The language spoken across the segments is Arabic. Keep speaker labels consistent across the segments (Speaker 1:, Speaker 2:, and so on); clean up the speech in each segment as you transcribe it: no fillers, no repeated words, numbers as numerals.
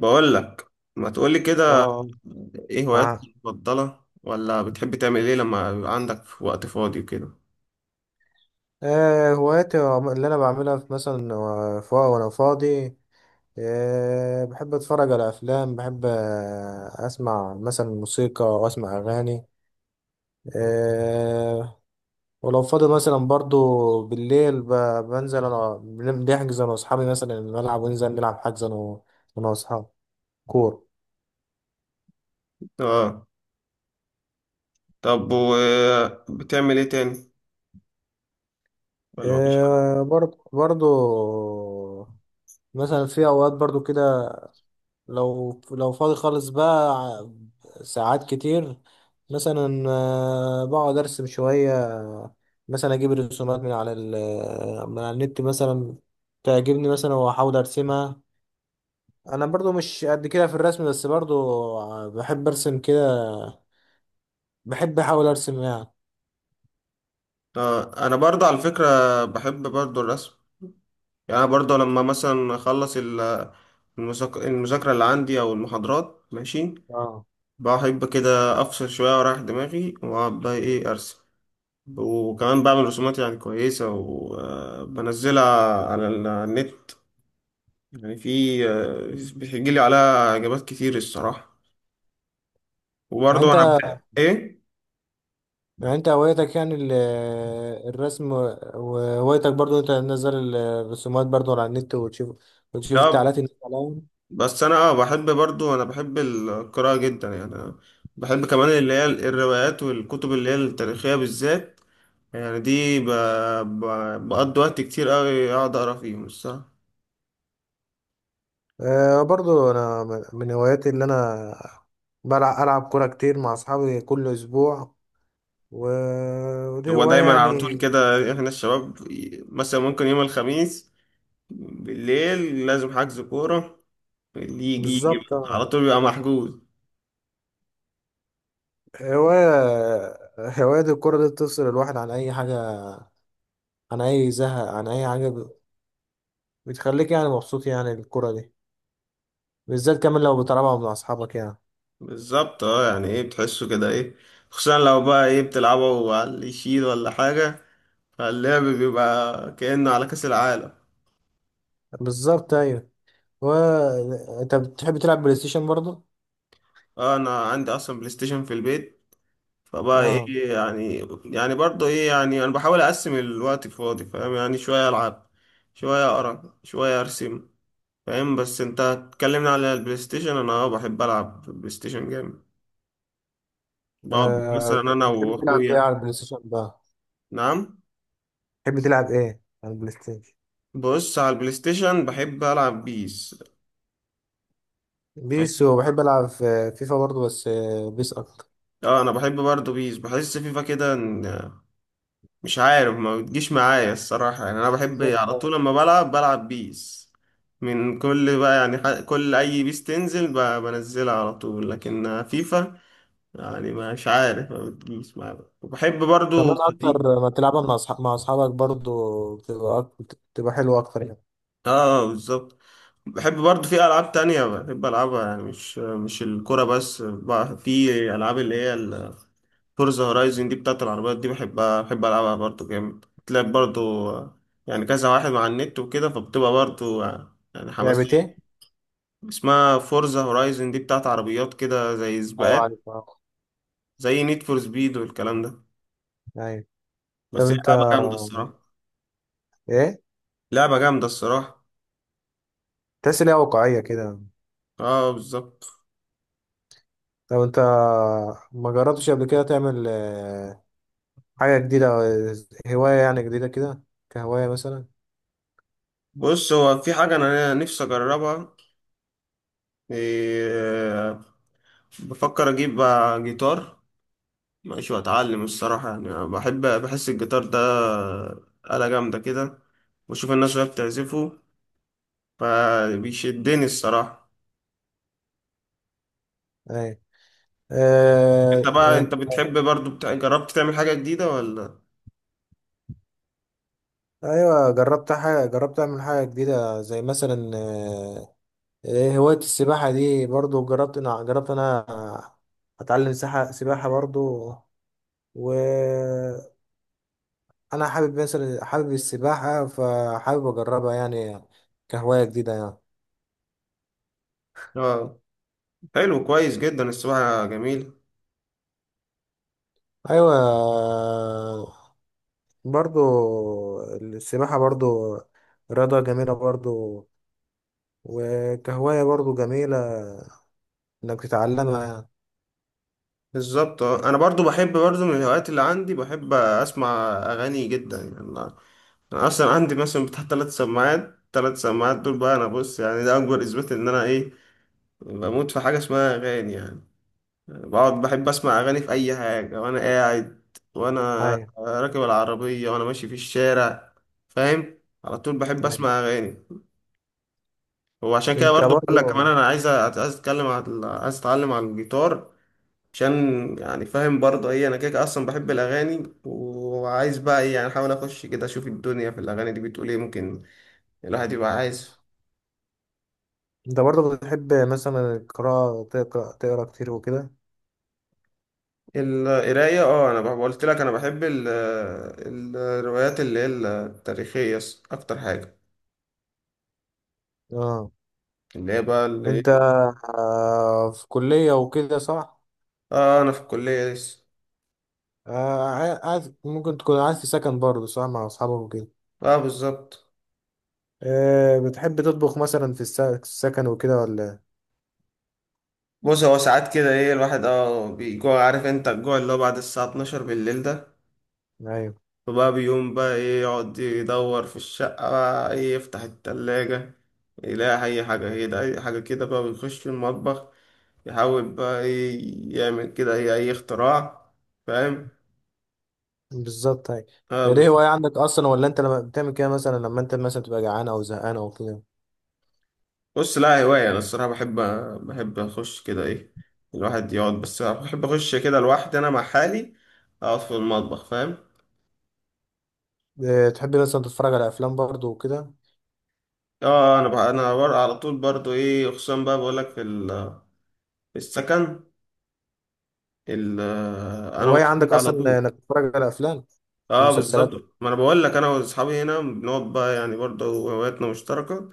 Speaker 1: بقول لك ما تقولي كده.
Speaker 2: اه.
Speaker 1: ايه هواياتك
Speaker 2: معاه.
Speaker 1: المفضلة؟ ولا بتحب تعمل ايه لما يبقى عندك وقت فاضي وكده؟
Speaker 2: هواياتي اللي انا بعملها في مثلا وانا فاضي. بحب اتفرج على افلام، بحب اسمع مثلا موسيقى واسمع اغاني. آه. ولو فاضي مثلا برضو بالليل، بنزل انا، بنحجز انا واصحابي مثلا الملعب، وننزل نلعب حجز انا أنا واصحابي كورة.
Speaker 1: اه. طب وبتعمل ايه تاني؟ ولا مفيش حاجة؟
Speaker 2: آه برضو برضو، مثلا في اوقات برضو كده لو فاضي خالص بقى، ساعات كتير مثلا آه، بقعد ارسم شوية. مثلا اجيب الرسومات من على من على النت مثلا، تعجبني مثلا واحاول ارسمها. انا برضو مش قد كده في الرسم، بس برضو بحب ارسم كده، بحب احاول ارسم يعني.
Speaker 1: اه، انا برضه على فكرة بحب برضه الرسم. يعني انا برضه لما مثلا اخلص المذاكرة اللي عندي او المحاضرات، ماشي،
Speaker 2: اه.
Speaker 1: بحب كده افصل شوية واريح دماغي واقعد بقى ايه ارسم. وكمان بعمل رسومات يعني كويسة وبنزلها على على النت، يعني في بيجي لي عليها إجابات كتير الصراحة.
Speaker 2: يعني
Speaker 1: وبرضه أنا
Speaker 2: انت
Speaker 1: بحب إيه؟
Speaker 2: يعني انت هوايتك الرسم، وهوايتك برضو انت تنزل الرسومات برضو على النت، وتشوف
Speaker 1: آه،
Speaker 2: التعليقات الناس عليها.
Speaker 1: بس أنا بحب برضه، أنا بحب القراءة جدا. يعني أنا بحب كمان اللي هي الروايات والكتب اللي هي التاريخية بالذات. يعني دي ب... بقضي وقت كتير أوي أقعد أقرا فيهم الصراحة.
Speaker 2: أه برضو انا من هواياتي اللي انا بلعب العب كوره كتير مع اصحابي كل اسبوع، ودي
Speaker 1: هو
Speaker 2: هوايه
Speaker 1: دايما على طول
Speaker 2: يعني.
Speaker 1: كده إحنا الشباب مثلا ممكن يوم الخميس بالليل لازم حجز كورة. اللي يجي يجي
Speaker 2: بالظبط
Speaker 1: بقى.
Speaker 2: آه.
Speaker 1: على طول بيبقى محجوز.
Speaker 2: هوايه. هوايه الكوره دي بتفصل الواحد عن اي حاجه، عن اي زهق، عن اي حاجه، بتخليك يعني مبسوط يعني الكوره دي، بالذات كمان لو بتلعبها مع اصحابك يعني.
Speaker 1: بالظبط اه، يعني ايه بتحسه كده ايه، خصوصا لو بقى ايه بتلعبه على اللي يشيل ولا حاجة، فاللعب بيبقى كأنه على كأس العالم.
Speaker 2: بالظبط ايوه. و... انت بتحب تلعب بلاي ستيشن برضو؟
Speaker 1: اه انا عندي اصلا بلاي ستيشن في البيت، فبقى
Speaker 2: اه.
Speaker 1: ايه يعني، يعني برضه ايه يعني انا بحاول اقسم الوقت الفاضي، فاهم؟ يعني شوية العب شوية اقرا شوية ارسم، فاهم؟ بس انت اتكلمنا على البلاي ستيشن، انا اه بحب العب في البلاي ستيشن جامد. بقعد
Speaker 2: أه،
Speaker 1: مثلا انا
Speaker 2: بتحب تلعب ايه
Speaker 1: واخويا.
Speaker 2: على البلاي ستيشن بقى؟
Speaker 1: نعم.
Speaker 2: بتحب تلعب ايه على البلاي ستيشن؟
Speaker 1: بص، على البلاي ستيشن بحب العب بيس.
Speaker 2: بيس، وبحب ألعب في فيفا برضو، بس بيس أكتر.
Speaker 1: اه انا بحب برضه بيس، بحس فيفا كده مش عارف ما بتجيش معايا الصراحة. يعني انا بحب
Speaker 2: بالظبط
Speaker 1: على طول
Speaker 2: أيوة.
Speaker 1: لما بلعب بلعب بيس. من كل بقى يعني كل اي بيس تنزل بنزلها على طول، لكن فيفا يعني مش عارف ما بتجيش معايا. وبحب برضه
Speaker 2: كمان
Speaker 1: في
Speaker 2: أكتر ما تلعبها مع مع أصحابك برضو بتبقى بتبقى حلوة أكتر يعني.
Speaker 1: اه، بالظبط. بحب برضه في العاب تانية بحب العبها، يعني مش الكرة بس بقى، في العاب اللي هي فورزا هورايزن دي بتاعت العربيات، دي بحبها بحب ألعبها برضه جامد. تلعب برضه آه، يعني كذا واحد مع النت وكده، فبتبقى برضه يعني
Speaker 2: لعبة
Speaker 1: حماسية.
Speaker 2: إيه؟
Speaker 1: اسمها فورزا هورايزن، دي بتاعت عربيات كده، زي
Speaker 2: ايوه
Speaker 1: سباقات،
Speaker 2: عارف اه.
Speaker 1: زي نيد فور سبيد والكلام ده.
Speaker 2: أيوة. طب
Speaker 1: بس هي
Speaker 2: أنت،
Speaker 1: لعبة جامدة الصراحة.
Speaker 2: إيه؟
Speaker 1: لعبة جامدة الصراحة.
Speaker 2: تحس إن هي واقعية كده؟
Speaker 1: اه بالظبط.
Speaker 2: طب أنت ما جربتش قبل كده تعمل آه، حاجة جديدة، آه، هواية يعني جديدة كده، كهواية مثلا؟
Speaker 1: بص هو في حاجة أنا نفسي أجربها، إيه، بفكر أجيب جيتار، ماشي، واتعلم الصراحة. يعني أنا بحس الجيتار ده آلة جامدة كده، واشوف الناس وهي بتعزفه فبيشدني الصراحة.
Speaker 2: أيوة
Speaker 1: انت
Speaker 2: آه،
Speaker 1: بقى
Speaker 2: آه،
Speaker 1: انت بتحب برضو بتاع... جربت تعمل حاجة جديدة ولا؟
Speaker 2: أيوة جربت حاجة، جربت أعمل حاجة جديدة زي مثلا إيه، هواية السباحة دي برضو. جربت أنا، جربت أنا أتعلم سباحة، سباحة برضو. وأنا حابب مثلا، حابب السباحة، فحابب أجربها يعني كهواية جديدة يعني.
Speaker 1: اه حلو كويس جدا السباحة جميل.
Speaker 2: أيوة برضو، السباحة برضو رياضة جميلة برضو، وكهواية برضو جميلة إنك تتعلمها يعني.
Speaker 1: بالظبط آه. انا برضو بحب برضو من الهوايات اللي عندي بحب اسمع اغاني جدا. يعني انا، أنا اصلا عندي مثلا بتاع 3 سماعات، 3 سماعات دول بقى. انا بص، يعني ده اكبر اثبات ان انا ايه بموت في حاجة اسمها اغاني يعني. بقعد بحب اسمع اغاني في اي حاجه، وانا قاعد وانا
Speaker 2: أيوة.
Speaker 1: راكب العربيه وانا ماشي في الشارع، فاهم؟ على طول بحب
Speaker 2: أيوة
Speaker 1: اسمع اغاني. وعشان كده
Speaker 2: أنت
Speaker 1: برضو بقول لك كمان
Speaker 2: برضو،
Speaker 1: انا عايز عايز اتكلم عن عايز اتعلم على الجيتار، عشان يعني فاهم برضو ايه، انا كده كده اصلا بحب الاغاني وعايز بقى ايه يعني احاول اخش كده اشوف الدنيا في الاغاني دي بتقول ايه، ممكن الواحد يبقى عايز.
Speaker 2: أنت برضو بتحب مثلا القراءة، تقرأ تقرأ كتير وكده؟
Speaker 1: القرايه اه، انا قلت لك انا بحب الروايات اللي هي التاريخيه اكتر حاجه،
Speaker 2: اه.
Speaker 1: اللي هي بقى اللي إيه؟
Speaker 2: انت آه، في كلية وكده صح؟
Speaker 1: اه انا في الكلية لسه.
Speaker 2: آه، عايز ممكن تكون عايز في سكن برضه صح مع أصحابك وكده.
Speaker 1: اه بالظبط.
Speaker 2: آه، بتحب تطبخ مثلا في السكن وكده ولا؟
Speaker 1: بص هو ساعات كده ايه الواحد اه بيجوع، عارف انت الجوع اللي هو بعد الساعة 12 بالليل ده؟
Speaker 2: إيه؟ أيوه.
Speaker 1: فبقى بيقوم بقى ايه يقعد يدور في الشقة، بقى ايه يفتح التلاجة، يلاقي اي حاجة ايه ده اي حاجة كده، بقى بيخش في المطبخ يحاول بقى ايه يعمل كده ايه اي اختراع، فاهم؟
Speaker 2: بالظبط أيوه. هي
Speaker 1: اه.
Speaker 2: دي هواية عندك أصلا، ولا أنت لما بتعمل كده مثلا لما أنت مثلا تبقى جعان أو زهقان أو كده؟
Speaker 1: بص لا، هواية أنا الصراحة بحب، بحب أخش كده إيه الواحد يقعد، بس بحب أخش كده لوحدي أنا مع حالي أقعد في المطبخ، فاهم؟
Speaker 2: آه، تحب مثلا تتفرج على أفلام برضه وكده؟
Speaker 1: آه أنا بقى أنا على طول برضو إيه، خصوصا بقى بقولك في في السكن ال... أنا
Speaker 2: هواية
Speaker 1: وأصحابي
Speaker 2: عندك
Speaker 1: على
Speaker 2: أصلا
Speaker 1: طول.
Speaker 2: إنك تتفرج على أفلام
Speaker 1: آه
Speaker 2: ومسلسلات؟
Speaker 1: بالظبط، ما أنا بقولك أنا وأصحابي هنا بنقعد بقى، يعني برضو هواياتنا مشتركة.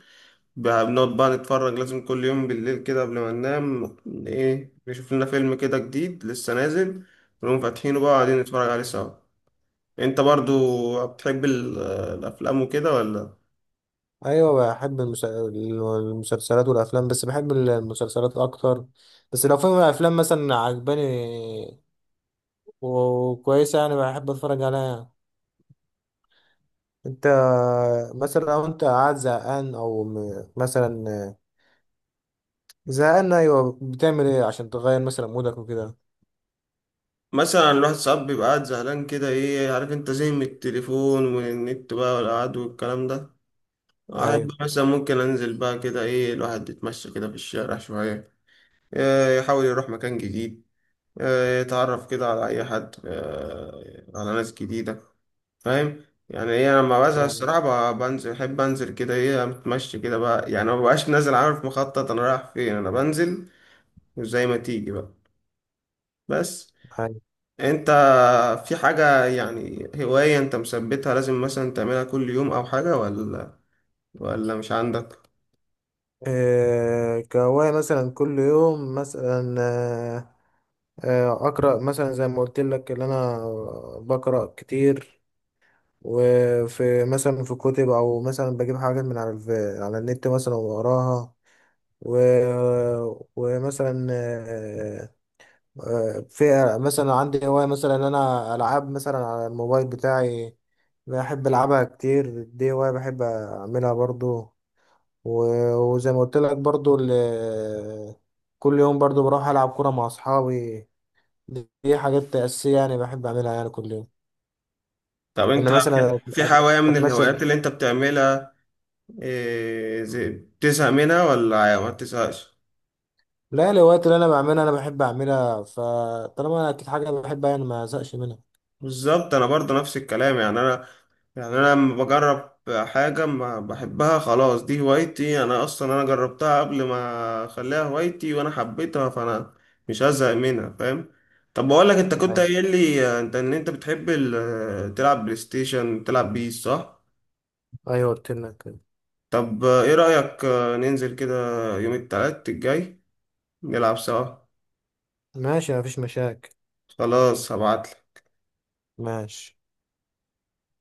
Speaker 1: بقى بنقعد بقى نتفرج لازم كل يوم بالليل كده قبل ما ننام، إيه نشوف لنا فيلم كده جديد لسه نازل ونقوم فاتحينه بقى قاعدين نتفرج عليه سوا. انت برضو بتحب الافلام وكده ولا؟
Speaker 2: ايوه بحب المسلسلات والافلام، بس بحب المسلسلات اكتر. بس لو في افلام مثلا عجباني وكويسه يعني بحب اتفرج عليها. انت مثلا لو انت قاعد زهقان او مثلا زهقان، ايوه، بتعمل ايه عشان تغير مثلا مودك وكده؟
Speaker 1: مثلا الواحد ساعات بيبقى قاعد زهلان كده ايه، عارف انت، زي من التليفون والنت بقى والقعد والكلام ده، احب
Speaker 2: ايوه.
Speaker 1: مثلا ممكن انزل بقى كده ايه الواحد يتمشى كده في الشارع شوية، اه، يحاول يروح مكان جديد، اه، يتعرف كده على اي حد، اه، على ناس جديدة، فاهم؟ يعني ايه، انا لما بزهق
Speaker 2: فاهم.
Speaker 1: الصراحة بنزل، احب انزل كده ايه اتمشى كده بقى، يعني ما ببقاش نازل عارف مخطط انا رايح فين، انا بنزل وزي ما تيجي بقى. بس
Speaker 2: ايوه.
Speaker 1: انت في حاجة يعني هواية انت مثبتها لازم مثلا تعملها كل يوم او حاجة ولا؟ ولا مش عندك؟
Speaker 2: إيه كهواية مثلا كل يوم مثلا آه، آه، اقرا مثلا زي ما قلت لك ان انا بقرا كتير، وفي مثلا في كتب او مثلا بجيب حاجات من على على النت مثلا واقراها، و... ومثلا آه، آه، في مثلا عندي هواية مثلا ان انا العاب مثلا على الموبايل بتاعي، بحب العبها كتير. دي هواية بحب اعملها برضو. وزي ما قلت لك برضو كل يوم برضو بروح العب كرة مع اصحابي. دي حاجات اساسية يعني بحب اعملها يعني كل يوم.
Speaker 1: طب انت
Speaker 2: وانا
Speaker 1: في
Speaker 2: مثلا
Speaker 1: في هواية من الهوايات
Speaker 2: اتمشى.
Speaker 1: اللي انت بتعملها إيه بتزهق منها ولا ما بتزهقش؟
Speaker 2: لا، الهوايات اللي انا بعملها انا بحب اعملها، فطالما انا اكيد حاجه بحبها يعني ما ازهقش منها.
Speaker 1: بالظبط انا برضه نفس الكلام. يعني انا، يعني انا لما بجرب حاجه ما بحبها خلاص، دي هوايتي انا اصلا، انا جربتها قبل ما اخليها هوايتي وانا حبيتها، فانا مش هزهق منها، فاهم؟ طب بقول لك انت كنت
Speaker 2: أيوة.
Speaker 1: قايل لي انت ان انت بتحب تلعب بلاي ستيشن تلعب بيس، صح؟
Speaker 2: ايوه قلت لك كده.
Speaker 1: طب ايه رايك ننزل كده يوم التلات الجاي نلعب سوا؟
Speaker 2: ماشي مفيش مشاكل.
Speaker 1: خلاص هبعت.
Speaker 2: ماشي.